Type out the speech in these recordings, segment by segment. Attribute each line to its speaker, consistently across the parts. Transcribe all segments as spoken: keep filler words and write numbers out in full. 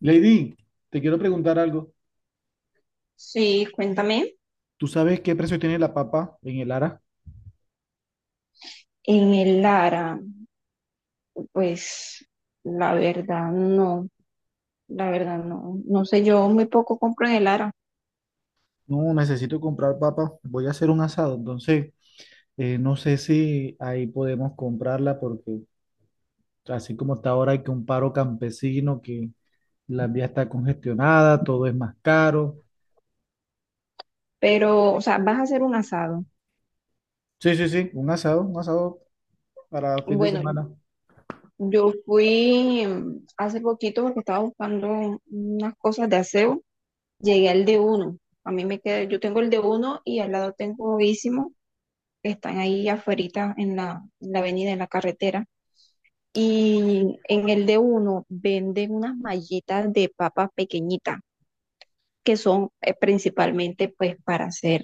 Speaker 1: Lady, te quiero preguntar algo.
Speaker 2: Sí, cuéntame.
Speaker 1: ¿Tú sabes qué precio tiene la papa en el Ara?
Speaker 2: En el Lara, pues la verdad no, la verdad no, no sé, yo muy poco compro en el Lara,
Speaker 1: No, necesito comprar papa. Voy a hacer un asado, entonces eh, no sé si ahí podemos comprarla porque así como está ahora hay que un paro campesino, que la vía está congestionada, todo es más caro.
Speaker 2: pero, o sea, vas a hacer un asado.
Speaker 1: Sí, sí, sí, un asado, un asado para fin de
Speaker 2: Bueno,
Speaker 1: semana.
Speaker 2: yo fui mm, hace poquito porque estaba buscando unas cosas de aseo, llegué al de uno, a mí me queda, yo tengo el de uno y al lado tengo Ísimo, que están ahí afuerita en la, en la avenida, en la carretera. Y en el de uno venden unas mallitas de papas pequeñitas, que son eh, principalmente pues para hacer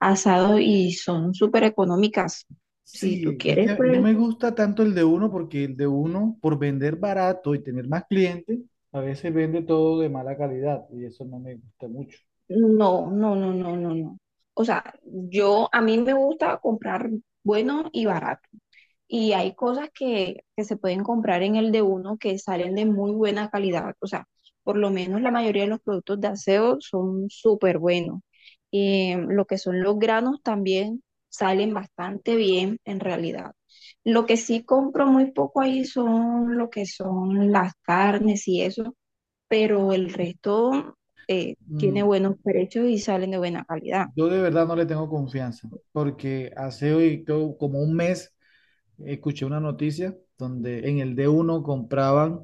Speaker 2: asado y son súper económicas. Si tú
Speaker 1: Sí, es
Speaker 2: quieres,
Speaker 1: que no
Speaker 2: pues
Speaker 1: me gusta tanto el de uno porque el de uno, por vender barato y tener más clientes, a veces vende todo de mala calidad y eso no me gusta mucho.
Speaker 2: no, no, no, no, no, no. O sea, yo a mí me gusta comprar bueno y barato. Y hay cosas que, que se pueden comprar en el de uno que salen de muy buena calidad. O sea, por lo menos la mayoría de los productos de aseo son súper buenos. Eh, lo que son los granos también salen bastante bien en realidad. Lo que sí compro muy poco ahí son lo que son las carnes y eso, pero el resto eh, tiene
Speaker 1: mm,
Speaker 2: buenos precios y salen de buena calidad.
Speaker 1: yo de verdad no le tengo confianza, porque hace hoy co- como un mes escuché una noticia donde en el d uno compraban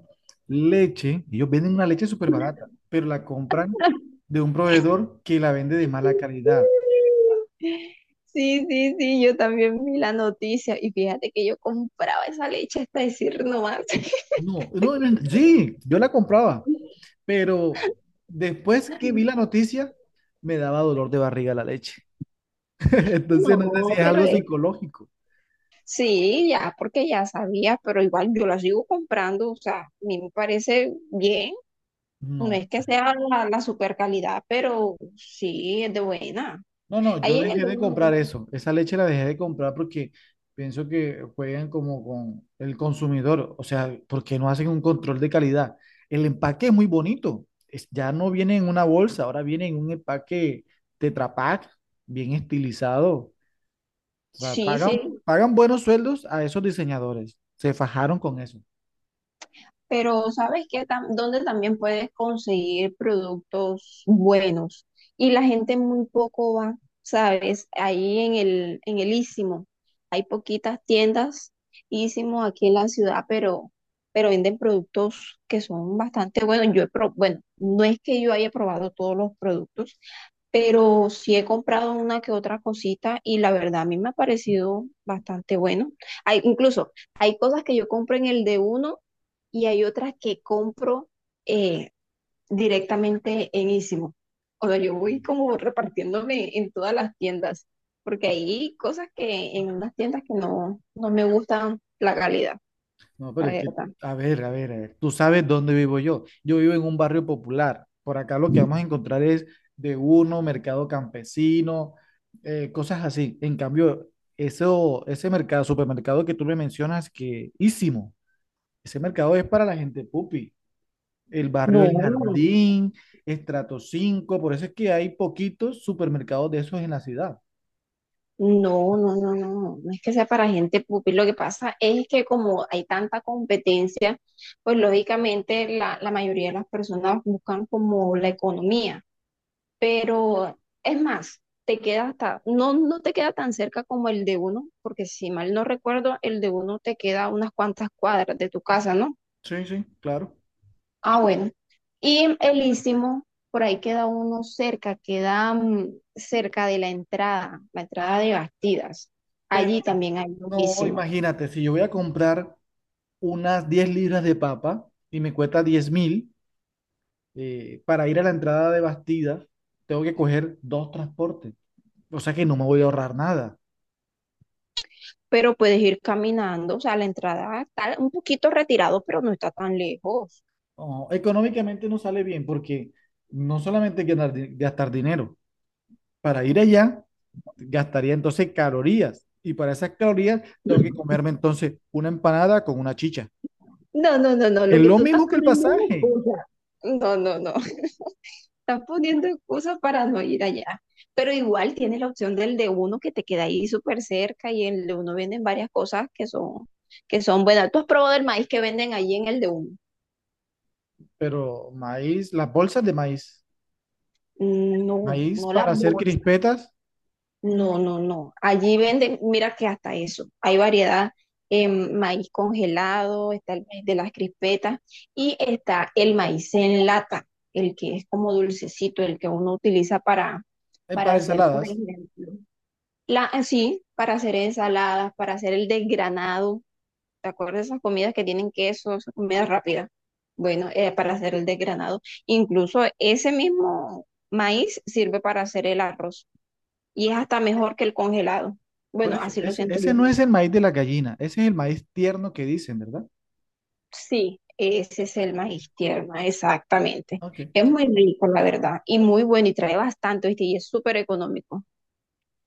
Speaker 1: leche. Ellos venden una leche súper barata, pero la compran de un proveedor que la vende de mala calidad.
Speaker 2: Sí, sí, sí, yo también vi la noticia y fíjate que yo compraba esa leche hasta decir no más.
Speaker 1: No, no, no, sí, yo la compraba, pero después que vi la noticia, me daba dolor de barriga la leche. Entonces no sé si
Speaker 2: No,
Speaker 1: es
Speaker 2: pero
Speaker 1: algo
Speaker 2: es,
Speaker 1: psicológico.
Speaker 2: sí, ya, porque ya sabía, pero igual yo la sigo comprando, o sea, a mí me parece bien, no
Speaker 1: No.
Speaker 2: es que sea la, la super calidad, pero sí es de buena.
Speaker 1: No, no, yo
Speaker 2: Ahí en el
Speaker 1: dejé
Speaker 2: de
Speaker 1: de
Speaker 2: uno,
Speaker 1: comprar eso. Esa leche la dejé de comprar porque pienso que juegan como con el consumidor. O sea, porque no hacen un control de calidad. El empaque es muy bonito. Es- ya no viene en una bolsa, ahora viene en un empaque Tetra Pak, bien estilizado. O sea,
Speaker 2: sí, sí,
Speaker 1: pagan, pagan buenos sueldos a esos diseñadores. Se fajaron con eso.
Speaker 2: pero sabes que donde también puedes conseguir productos buenos y la gente muy poco va, sabes, ahí en el, en el Istmo. Hay poquitas tiendas Istmo aquí en la ciudad, pero, pero venden productos que son bastante buenos. Yo he pro- bueno, no es que yo haya probado todos los productos, pero sí he comprado una que otra cosita y la verdad a mí me ha parecido bastante bueno. Hay, incluso hay cosas que yo compro en el de uno y hay otras que compro eh, directamente en Ísimo. O sea, yo voy como repartiéndome en todas las tiendas, porque hay cosas que en unas tiendas que no, no me gustan la calidad,
Speaker 1: No,
Speaker 2: la
Speaker 1: pero es que,
Speaker 2: verdad.
Speaker 1: a ver, a ver, a ver, tú sabes dónde vivo yo. Yo vivo en un barrio popular. Por acá lo que vamos a encontrar es de uno, mercado campesino, eh, cosas así. En cambio, eso, ese mercado, supermercado que tú me mencionas, que ísimo, ese mercado es para la gente pupi. El barrio
Speaker 2: No,
Speaker 1: El Jardín, estrato cinco, por eso es que hay poquitos supermercados de esos en la ciudad.
Speaker 2: no, no, no, no, no es que sea para gente pupi. Lo que pasa es que como hay tanta competencia, pues lógicamente la, la mayoría de las personas buscan como la economía. Pero es más, te queda hasta, no, no te queda tan cerca como el de uno, porque si mal no recuerdo, el de uno te queda a unas cuantas cuadras de tu casa, ¿no?
Speaker 1: Sí, sí, claro.
Speaker 2: Ah, bueno. Y el Istmo, por ahí queda uno cerca, queda mm, cerca de la entrada, la entrada de Bastidas.
Speaker 1: Pero
Speaker 2: Allí también hay un
Speaker 1: no,
Speaker 2: Istmo,
Speaker 1: imagínate, si yo voy a comprar unas diez libras de papa y me cuesta diez mil, eh, para ir a la entrada de Bastida tengo que coger dos transportes. O sea que no me voy a ahorrar nada.
Speaker 2: pero puedes ir caminando, o sea, la entrada está un poquito retirado, pero no está tan lejos.
Speaker 1: No, económicamente no sale bien porque no solamente hay que ganar di- gastar dinero, para ir allá gastaría entonces calorías y para esas calorías tengo que comerme entonces una empanada con una chicha.
Speaker 2: No, no, no, no, lo
Speaker 1: Es
Speaker 2: que
Speaker 1: lo
Speaker 2: tú estás
Speaker 1: mismo que el
Speaker 2: poniendo es
Speaker 1: pasaje,
Speaker 2: excusa. No, no, no. Estás poniendo excusas para no ir allá. Pero igual tienes la opción del de uno que te queda ahí súper cerca y en el de uno venden varias cosas que son, que son buenas. ¿Tú has probado el maíz que venden ahí en el de uno?
Speaker 1: pero maíz, las bolsas de maíz,
Speaker 2: Mm, no,
Speaker 1: maíz
Speaker 2: no las
Speaker 1: para hacer
Speaker 2: bolsas.
Speaker 1: crispetas,
Speaker 2: No, no, no. Allí venden, mira que hasta eso. Hay variedad en maíz congelado, está el maíz de las crispetas y está el maíz en lata, el que es como dulcecito, el que uno utiliza para,
Speaker 1: eh,
Speaker 2: para
Speaker 1: para
Speaker 2: hacer, por
Speaker 1: ensaladas.
Speaker 2: ejemplo. La, eh, sí, para hacer ensaladas, para hacer el desgranado. ¿Te acuerdas de esas comidas que tienen queso, esas comidas rápidas? Bueno, eh, para hacer el desgranado. Incluso ese mismo maíz sirve para hacer el arroz y es hasta mejor que el congelado.
Speaker 1: Por
Speaker 2: Bueno,
Speaker 1: eso,
Speaker 2: así lo
Speaker 1: ese,
Speaker 2: siento
Speaker 1: ese
Speaker 2: yo.
Speaker 1: no es el maíz de la gallina, ese es el maíz tierno que dicen, ¿verdad?
Speaker 2: Sí, ese es el maíz tierno, exactamente.
Speaker 1: Ok.
Speaker 2: Es muy rico, la verdad, y muy bueno y trae bastante, ¿viste? Y es súper económico.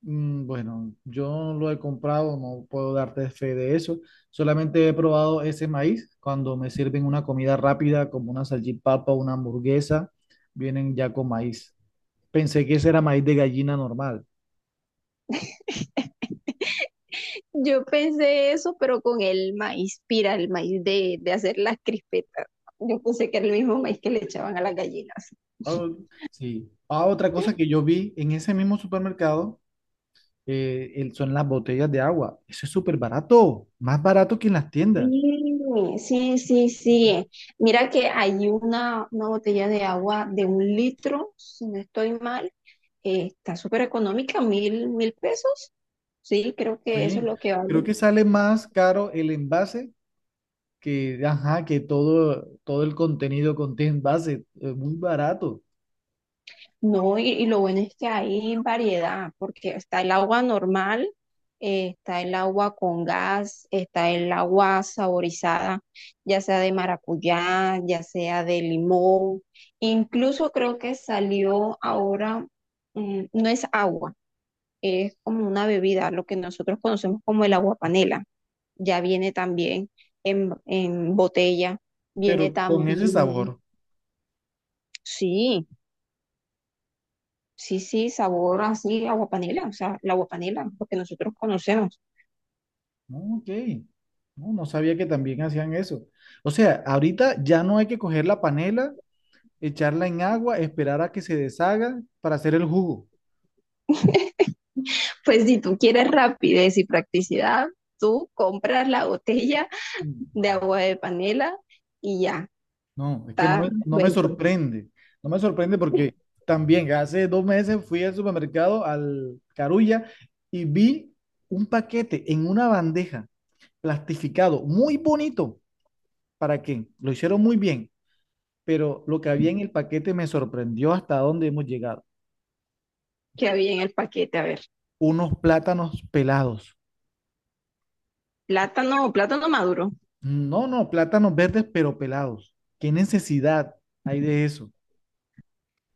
Speaker 1: Mm. Bueno, yo no lo he comprado, no puedo darte fe de eso. Solamente he probado ese maíz cuando me sirven una comida rápida como una salchipapa, una hamburguesa, vienen ya con maíz. Pensé que ese era maíz de gallina normal.
Speaker 2: Yo pensé eso, pero con el maíz pira, el maíz de, de hacer las crispetas. Yo pensé que era el mismo maíz que le echaban a las gallinas.
Speaker 1: Ah, sí. Ah, otra cosa que yo vi en ese mismo supermercado, eh, el- son las botellas de agua. Eso es súper barato, más barato que en las tiendas.
Speaker 2: Sí, sí, sí, sí. Mira que hay una, una botella de agua de un litro, si no estoy mal, eh, está súper económica, mil, mil pesos. Sí, creo que eso es
Speaker 1: Sí,
Speaker 2: lo que
Speaker 1: creo
Speaker 2: vale.
Speaker 1: que sale más caro el envase que, ajá, que todo, todo el contenido contiene envase, es muy barato,
Speaker 2: No, y, y lo bueno es que hay variedad, porque está el agua normal, eh, está el agua con gas, está el agua saborizada, ya sea de maracuyá, ya sea de limón. Incluso creo que salió ahora, mm, no es agua, es como una bebida, lo que nosotros conocemos como el agua panela. Ya viene también en, en botella, viene
Speaker 1: pero con ese
Speaker 2: también,
Speaker 1: sabor.
Speaker 2: sí. Sí, sí, sabor así, agua panela, o sea, la agua panela, lo que nosotros conocemos.
Speaker 1: No, ok, no, no sabía que también hacían eso. O sea, ahorita ya no hay que coger la panela, echarla en agua, esperar a que se deshaga para hacer el jugo.
Speaker 2: Pues si tú quieres rapidez y practicidad, tú compras la botella de agua de panela y ya,
Speaker 1: No, es que no
Speaker 2: está
Speaker 1: me, no me
Speaker 2: resuelto.
Speaker 1: sorprende. No me sorprende porque también hace dos meses fui al supermercado, al Carulla, y vi un paquete en una bandeja, plastificado, muy bonito. ¿Para qué? Lo hicieron muy bien, pero lo que había en el paquete me sorprendió hasta dónde hemos llegado.
Speaker 2: ¿Qué había en el paquete? A ver,
Speaker 1: Unos plátanos pelados.
Speaker 2: plátano, plátano maduro,
Speaker 1: No, no, plátanos verdes, pero pelados. ¿Qué necesidad hay de eso?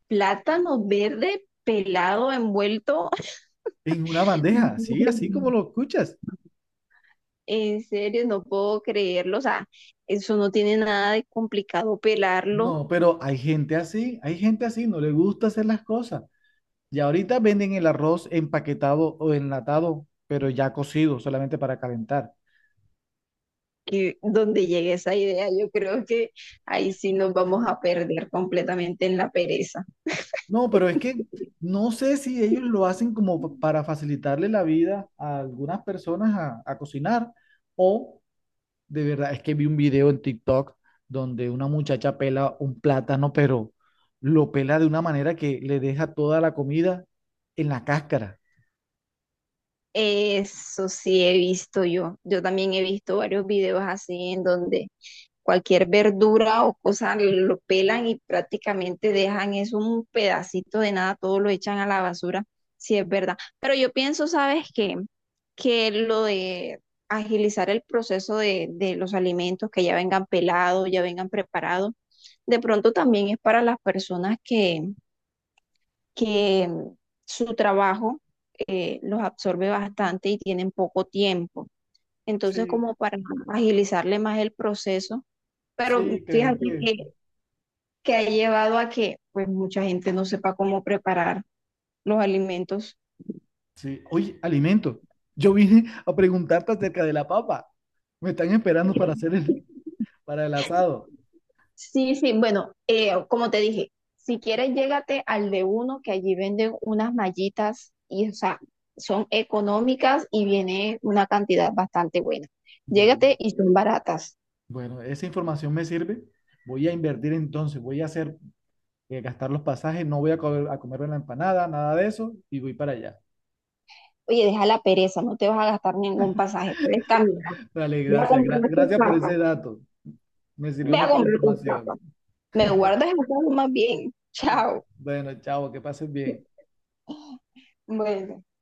Speaker 2: plátano verde pelado, envuelto.
Speaker 1: En una bandeja, sí, así como lo escuchas.
Speaker 2: En serio, no puedo creerlo, o sea, eso no tiene nada de complicado pelarlo,
Speaker 1: No, pero hay gente así, hay gente así, no le gusta hacer las cosas. Y ahorita venden el arroz empaquetado o enlatado, pero ya cocido, solamente para calentar.
Speaker 2: que donde llegue esa idea, yo creo que ahí sí nos vamos a perder completamente en la pereza.
Speaker 1: No, pero es que no sé si ellos lo hacen como pa- para facilitarle la vida a algunas personas a, a cocinar, o de verdad, es que vi un video en TikTok donde una muchacha pela un plátano, pero lo pela de una manera que le deja toda la comida en la cáscara.
Speaker 2: Eso sí he visto yo. Yo también he visto varios videos así en donde cualquier verdura o cosa lo pelan y prácticamente dejan eso un pedacito de nada, todo lo echan a la basura, si es verdad. Pero yo pienso, ¿sabes qué? Que lo de agilizar el proceso de, de los alimentos, que ya vengan pelados, ya vengan preparados, de pronto también es para las personas que, que mm, su trabajo eh, los absorbe bastante y tienen poco tiempo. Entonces,
Speaker 1: Sí,
Speaker 2: como para agilizarle más el proceso, pero
Speaker 1: sí, creo
Speaker 2: fíjate
Speaker 1: que es.
Speaker 2: que que ha llevado a que pues mucha gente no sepa cómo preparar los alimentos.
Speaker 1: Sí. Oye, alimento. Yo vine a preguntarte acerca de la papa. Me están esperando para hacer el, para el asado.
Speaker 2: Sí, sí, bueno, eh, como te dije, si quieres llégate al de uno que allí venden unas mallitas y o sea, son económicas y viene una cantidad bastante buena.
Speaker 1: Bueno,
Speaker 2: Llégate y son baratas.
Speaker 1: bueno, esa información me sirve. Voy a invertir entonces, voy a hacer, eh, gastar los pasajes, no voy a, comer, a comerme la empanada, nada de eso, y voy para allá.
Speaker 2: Oye, deja la pereza, no te vas a gastar ningún pasaje, puedes caminar,
Speaker 1: Dale,
Speaker 2: ve a
Speaker 1: gracias,
Speaker 2: comprar
Speaker 1: gra-
Speaker 2: tus
Speaker 1: gracias por
Speaker 2: papas,
Speaker 1: ese dato. Me sirvió
Speaker 2: ve a
Speaker 1: mucho la
Speaker 2: comprar tus
Speaker 1: información.
Speaker 2: papas. Me guardas el pago más bien. Chao.
Speaker 1: Bueno, chao, que pases bien.
Speaker 2: Bueno.